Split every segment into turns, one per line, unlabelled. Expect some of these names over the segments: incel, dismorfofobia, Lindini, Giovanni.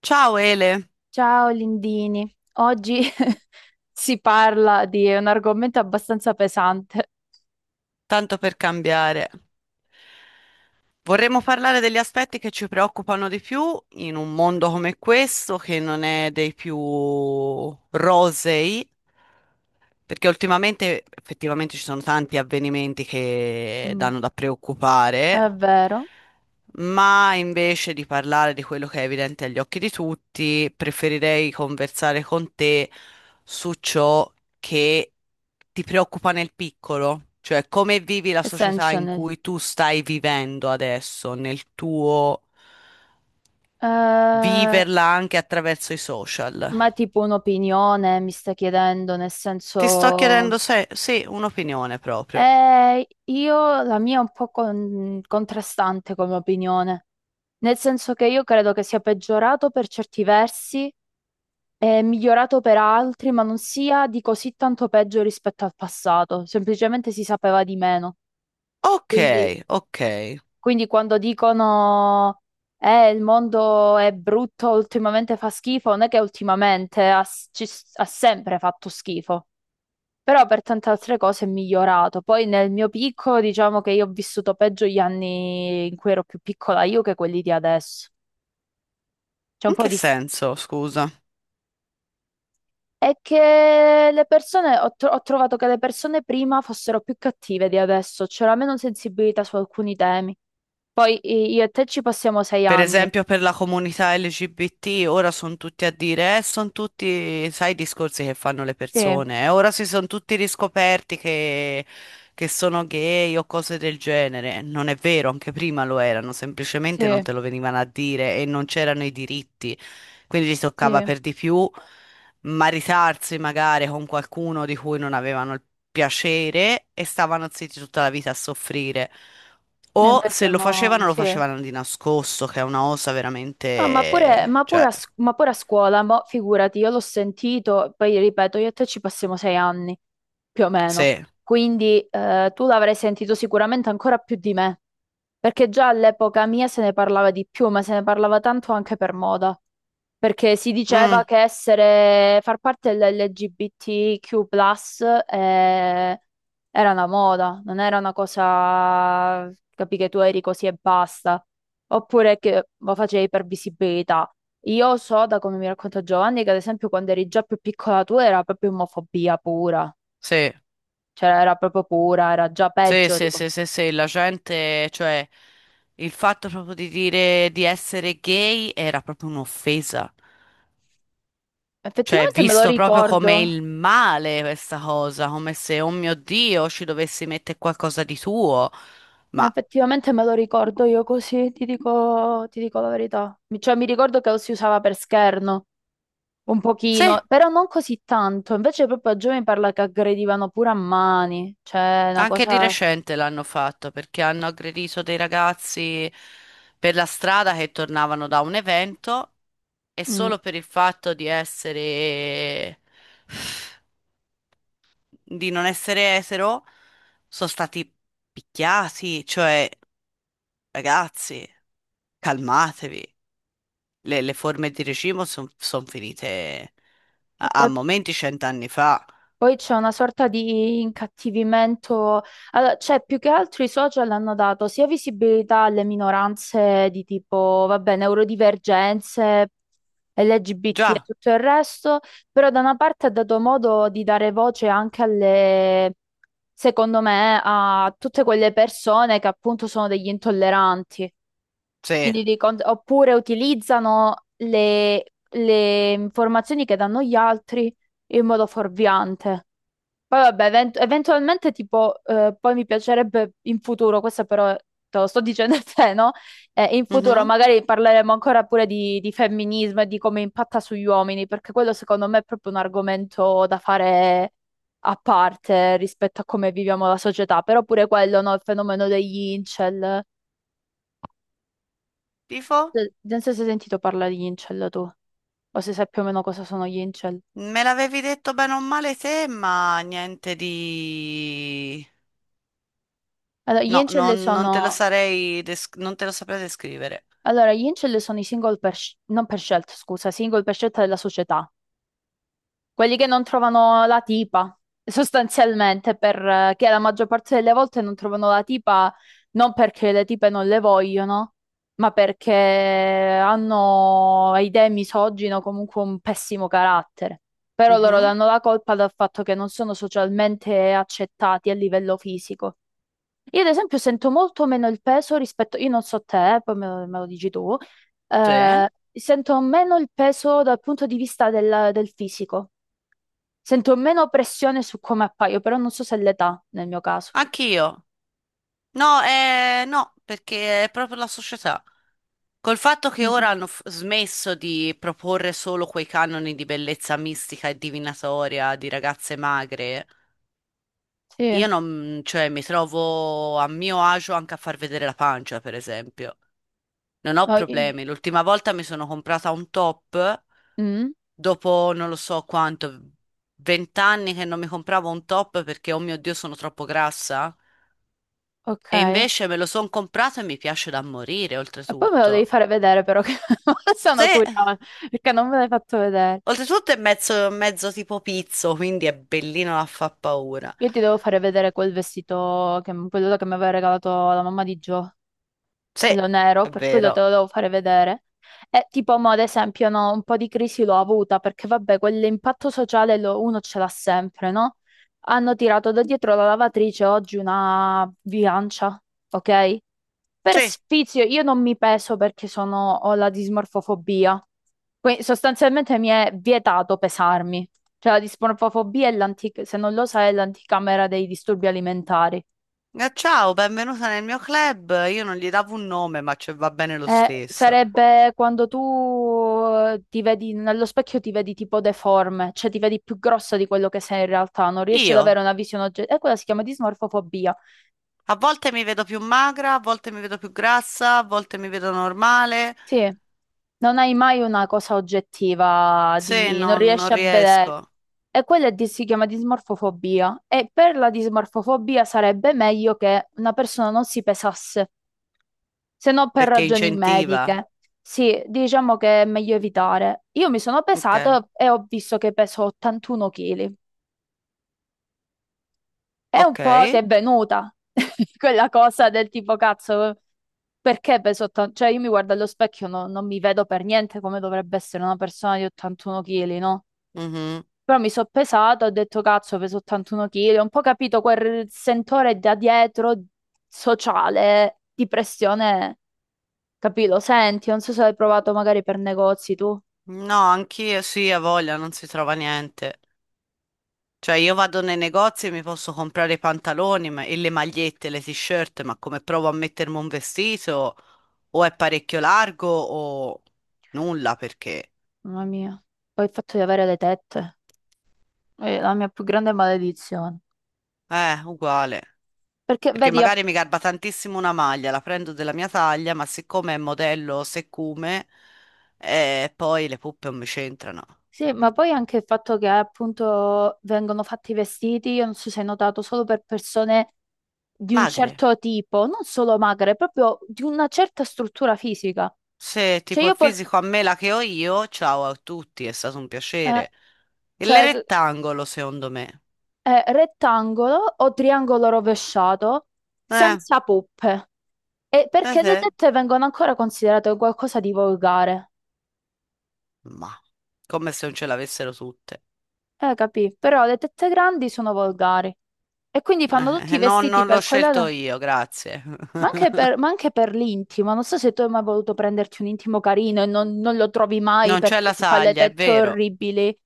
Ciao Ele,
Ciao Lindini, oggi si parla di un argomento abbastanza pesante.
tanto per cambiare. Vorremmo parlare degli aspetti che ci preoccupano di più in un mondo come questo, che non è dei più rosei, perché ultimamente effettivamente ci sono tanti avvenimenti che
Mm.
danno da preoccupare,
È vero?
ma invece di parlare di quello che è evidente agli occhi di tutti, preferirei conversare con te su ciò che ti preoccupa nel piccolo, cioè come vivi la
Che
società
senso
in
ne-
cui tu stai vivendo adesso, nel tuo
Eh,
viverla anche attraverso i social.
ma tipo un'opinione mi stai chiedendo, nel
Ti sto chiedendo
senso...
se, sì, un'opinione proprio.
Io la mia è un po' contrastante come opinione, nel senso che io credo che sia peggiorato per certi versi e migliorato per altri, ma non sia di così tanto peggio rispetto al passato, semplicemente si sapeva di meno.
Ok,
Quindi,
ok.
quindi, quando dicono il mondo è brutto, ultimamente fa schifo, non è che ultimamente ha, s- ci s- ha sempre fatto schifo. Però per tante altre cose è migliorato. Poi nel mio piccolo, diciamo che io ho vissuto peggio gli anni in cui ero più piccola io che quelli di adesso. C'è un
In
po'
che
di...
senso, scusa?
È che le persone, ho trovato che le persone prima fossero più cattive di adesso, c'era meno sensibilità su alcuni temi. Poi io e te ci passiamo sei
Per
anni.
esempio per la comunità LGBT ora sono tutti a dire, sono tutti, sai, i discorsi che fanno le
Sì,
persone, ora si sono tutti riscoperti che sono gay o cose del genere. Non è vero, anche prima lo erano, semplicemente non
sì,
te lo venivano a dire e non c'erano i diritti, quindi gli
sì.
toccava
E
per di più maritarsi magari con qualcuno di cui non avevano il piacere e stavano zitti tutta la vita a soffrire. O se
invece
lo
mo...
facevano, lo
Sì.
facevano di nascosto, che è una osa
Ah,
veramente... Cioè,
ma pure a scuola, mo, figurati, io l'ho sentito, poi ripeto, io e te ci passiamo sei anni, più o meno,
sì.
quindi tu l'avrai sentito sicuramente ancora più di me, perché già all'epoca mia se ne parlava di più, ma se ne parlava tanto anche per moda, perché si diceva
Mm,
che far parte dell'LGBTQ+, eh, era una moda, non era una cosa, capi che tu eri così e basta oppure che lo facevi per visibilità. Io so da come mi racconta Giovanni che ad esempio quando eri già più piccola tu era proprio omofobia pura,
sì.
cioè era proprio pura, era già
Sì,
peggio.
sì,
Dico.
sì, sì, sì, la gente, cioè, il fatto proprio di dire di essere gay era proprio un'offesa. Cioè,
Effettivamente me lo
visto proprio come
ricordo,
il male questa cosa, come se, oh mio Dio, ci dovessi mettere qualcosa di tuo. Ma
effettivamente me lo ricordo io così, ti dico la verità. Cioè mi ricordo che lo si usava per scherno, un
sì,
pochino, però non così tanto, invece proprio a giovani parla che aggredivano pure a mani, cioè una
anche di
cosa...
recente l'hanno fatto perché hanno aggredito dei ragazzi per la strada che tornavano da un evento e
mm.
solo per il fatto di essere, di non essere etero, sono stati picchiati. Cioè, ragazzi, calmatevi. Le forme di regime sono finite a, a momenti 100 anni fa.
Poi c'è una sorta di incattivimento, allora, cioè più che altro i social hanno dato sia visibilità alle minoranze di tipo, vabbè, neurodivergenze, LGBT e
Già,
tutto il resto, però da una parte ha dato modo di dare voce anche alle, secondo me, a tutte quelle persone che appunto sono degli intolleranti.
sì.
Oppure utilizzano le informazioni che danno gli altri in modo fuorviante. Poi vabbè, eventualmente tipo, poi mi piacerebbe in futuro, questo però te lo sto dicendo a te, no? In futuro
Mhm.
magari parleremo ancora pure di femminismo e di come impatta sugli uomini, perché quello secondo me è proprio un argomento da fare a parte rispetto a come viviamo la società, però pure quello, no? Il fenomeno degli incel.
Tifo?
Non so se hai sentito parlare di incel tu, o se sai più o meno cosa sono gli incel.
Me l'avevi detto bene o male te, ma niente di...
Allora, gli
No, non,
incel
non te lo
sono...
sarei des- non te lo saprei descrivere.
Allora, gli incel sono i single per, non per scelta, scusa, single per scelta della società. Quelli che non trovano la tipa, sostanzialmente, perché la maggior parte delle volte non trovano la tipa non perché le tipe non le vogliono, ma perché hanno idee misogine o comunque un pessimo carattere. Però loro
Mhm,
danno la colpa dal fatto che non sono socialmente accettati a livello fisico. Io ad esempio sento molto meno il peso rispetto, io non so te, poi me lo dici tu,
sì,
sento meno il peso dal punto di vista del fisico, sento meno pressione su come appaio, però non so se è l'età nel mio caso.
anch'io. No, no, perché è proprio la società. Col fatto
Mm,
che ora
mm.
hanno f- smesso di proporre solo quei canoni di bellezza mistica e divinatoria di ragazze magre, io
Sì,
non, cioè, mi trovo a mio agio anche a far vedere la pancia, per esempio. Non ho
no,
problemi. L'ultima volta mi sono comprata un top
mm,
dopo non lo so quanto, 20 anni che non mi compravo un top perché, oh mio Dio, sono troppo grassa.
ok.
E
E
invece me lo sono comprato e mi piace da morire,
poi me lo devi
oltretutto.
fare vedere però, che sono
Se,
curiosa, perché non me l'hai fatto vedere.
oltretutto è mezzo, mezzo tipo pizzo, quindi è bellino da fa paura.
Io ti devo fare vedere quel vestito, che, quello che mi aveva regalato la mamma di Gio,
Sì,
quello nero,
è
per quello te lo
vero.
devo fare vedere. E tipo, mo, ad esempio, no, un po' di crisi l'ho avuta perché, vabbè, quell'impatto sociale uno ce l'ha sempre, no? Hanno tirato da dietro la lavatrice oggi una bilancia, ok? Per
Sì.
sfizio, io non mi peso perché sono, ho la dismorfofobia. Quindi sostanzialmente mi è vietato pesarmi. Cioè, la dismorfofobia è l'antica, se non lo sai, è l'anticamera dei disturbi alimentari.
Ciao, benvenuta nel mio club. Io non gli davo un nome, ma ci va bene lo stesso.
Sarebbe quando tu ti vedi nello specchio, ti vedi tipo deforme, cioè ti vedi più grossa di quello che sei in realtà, non riesci ad
Io?
avere una visione oggettiva. E quella si chiama dismorfofobia.
A volte mi vedo più magra, a volte mi vedo più grassa, a volte mi vedo normale.
Sì, non hai mai una cosa oggettiva,
Se
di... non
non, non
riesci a
riesco,
vedere. E quella si chiama dismorfofobia. E per la dismorfofobia sarebbe meglio che una persona non si pesasse, se non per
perché
ragioni
incentiva.
mediche. Sì, diciamo che è meglio evitare. Io mi sono
Ok,
pesata e ho visto che peso 81 kg. È un
ok.
po' ti è venuta quella cosa del tipo cazzo, perché peso 80? Cioè io mi guardo allo specchio, non mi vedo per niente come dovrebbe essere una persona di 81 kg, no?
Mhm.
Però mi sono pesata, ho detto cazzo, peso 81 kg, ho un po' capito quel sentore da dietro sociale di pressione, capì? Lo senti, non so se l'hai provato magari per negozi tu,
No, anch'io sì, a voglia, non si trova niente. Cioè, io vado nei negozi e mi posso comprare i pantaloni ma- e le magliette, le t-shirt, ma come provo a mettermi un vestito? O è parecchio largo o nulla perché.
mamma mia, poi il fatto di avere le tette è la mia più grande maledizione.
Uguale.
Perché
Perché
vedi, a-
magari mi garba tantissimo una maglia, la prendo della mia taglia, ma siccome è modello siccome, poi le puppe non mi c'entrano.
Sì, ma poi anche il fatto che appunto vengono fatti i vestiti, io non so se hai notato, solo per persone di un
Magre.
certo tipo, non solo magre, proprio di una certa struttura fisica.
Se
Cioè
tipo
io
il
pot-
fisico a me la che ho io, ciao a tutti, è stato un
eh,
piacere. Il
cioè,
rettangolo, secondo me.
rettangolo o triangolo rovesciato
Eh,
senza poppe. E perché le
eh.
tette vengono ancora considerate qualcosa di volgare.
Ma come se non ce l'avessero tutte.
Capì? Però le tette grandi sono volgari. E quindi
Eh,
fanno tutti i
no,
vestiti
non l'ho
per
scelto
quella.
io, grazie.
Ma anche per l'intimo, non so se tu hai mai voluto prenderti un intimo carino e non lo trovi mai
Non c'è
perché
la
ti fa le
taglia, è
tette
vero.
orribili.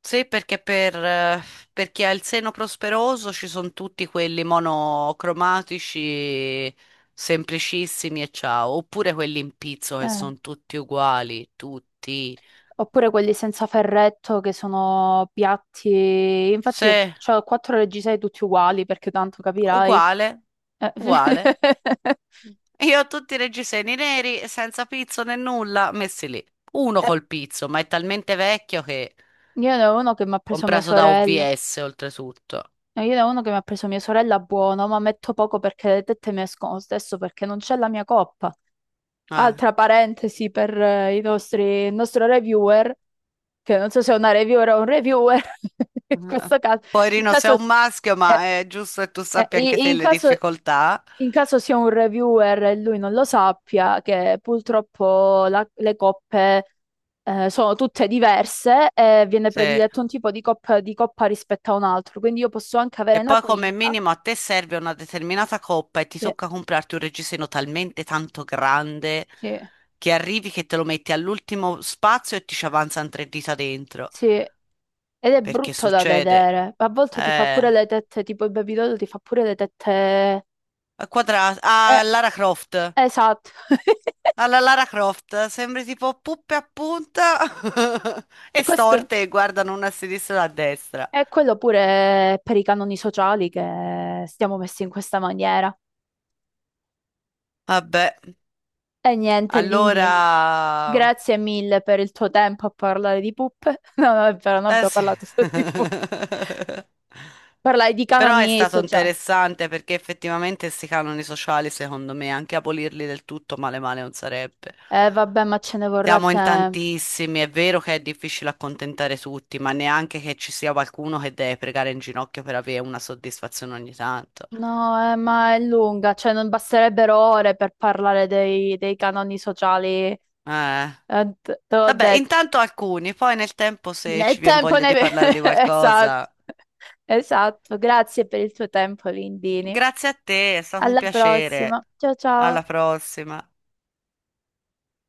Sì, perché per chi ha il seno prosperoso ci sono tutti quelli monocromatici, semplicissimi e ciao, oppure quelli in pizzo che
Eh,
sono tutti uguali, tutti.
Oppure quelli senza ferretto che sono piatti.
Sì,
Infatti, ho quattro reggiseni tutti uguali perché tanto capirai.
uguale,
Eh,
uguale. Io ho tutti i reggiseni neri, senza pizzo né nulla, messi lì. Uno
eh,
col pizzo, ma è talmente vecchio che
Io ne ho uno che mi ha preso mia
comprato da
sorella.
OVS oltretutto.
No, io ne ho uno che mi ha preso mia sorella buono, ma metto poco perché le tette mi escono lo stesso perché non c'è la mia coppa.
Eh.
Altra parentesi per il nostro reviewer, che non so se è una reviewer o un reviewer, in
Eh,
questo caso, in
Poverino, sei
caso,
un maschio, ma
eh,
è giusto che tu sappia anche
i-
te le difficoltà.
in caso sia un reviewer e lui non lo sappia, che purtroppo le coppe sono tutte diverse e viene
Sì.
prediletto un tipo di coppa rispetto a un altro, quindi io posso anche avere
Che
una
poi come
quinta,
minimo a te serve una determinata coppa e ti
sì,
tocca comprarti un reggiseno talmente tanto grande
sì,
che arrivi che te lo metti all'ultimo spazio e ti ci avanzano 3 dita dentro.
sì, ed è
Perché
brutto da
succede?
vedere, a volte ti fa
Eh,
pure le tette, tipo il Baby Doll ti fa pure le tette...
a quadrato.
eh,
Ah, Lara Croft.
esatto.
Alla Lara Croft, sembri tipo puppe a punta
E
e
questo
storte e guardano una a sinistra e una a destra.
E quello pure per i canoni sociali che stiamo messi in questa maniera.
Vabbè.
E niente, Lindin,
Allora,
grazie mille per il tuo tempo a parlare di puppe. No, no, è vero, non
eh
abbiamo
sì.
parlato solo di puppe. Parlai di
Però è
canoni
stato
sociali.
interessante perché effettivamente questi canoni sociali, secondo me, anche abolirli del tutto male male non sarebbe.
Vabbè, ma ce ne vorrà
Siamo in
tempo.
tantissimi, è vero che è difficile accontentare tutti, ma neanche che ci sia qualcuno che deve pregare in ginocchio per avere una soddisfazione ogni tanto.
No, ma è lunga, cioè non basterebbero ore per parlare dei canoni sociali.
Eh.
Te l'ho
Vabbè,
detto.
intanto alcuni, poi nel tempo se
Né
ci viene
tempo
voglia
né...
di parlare di
Esatto.
qualcosa.
Esatto, grazie per il tuo tempo, Lindini.
Grazie a te, è stato un
Alla
piacere.
prossima. Ciao
Alla
ciao.
prossima.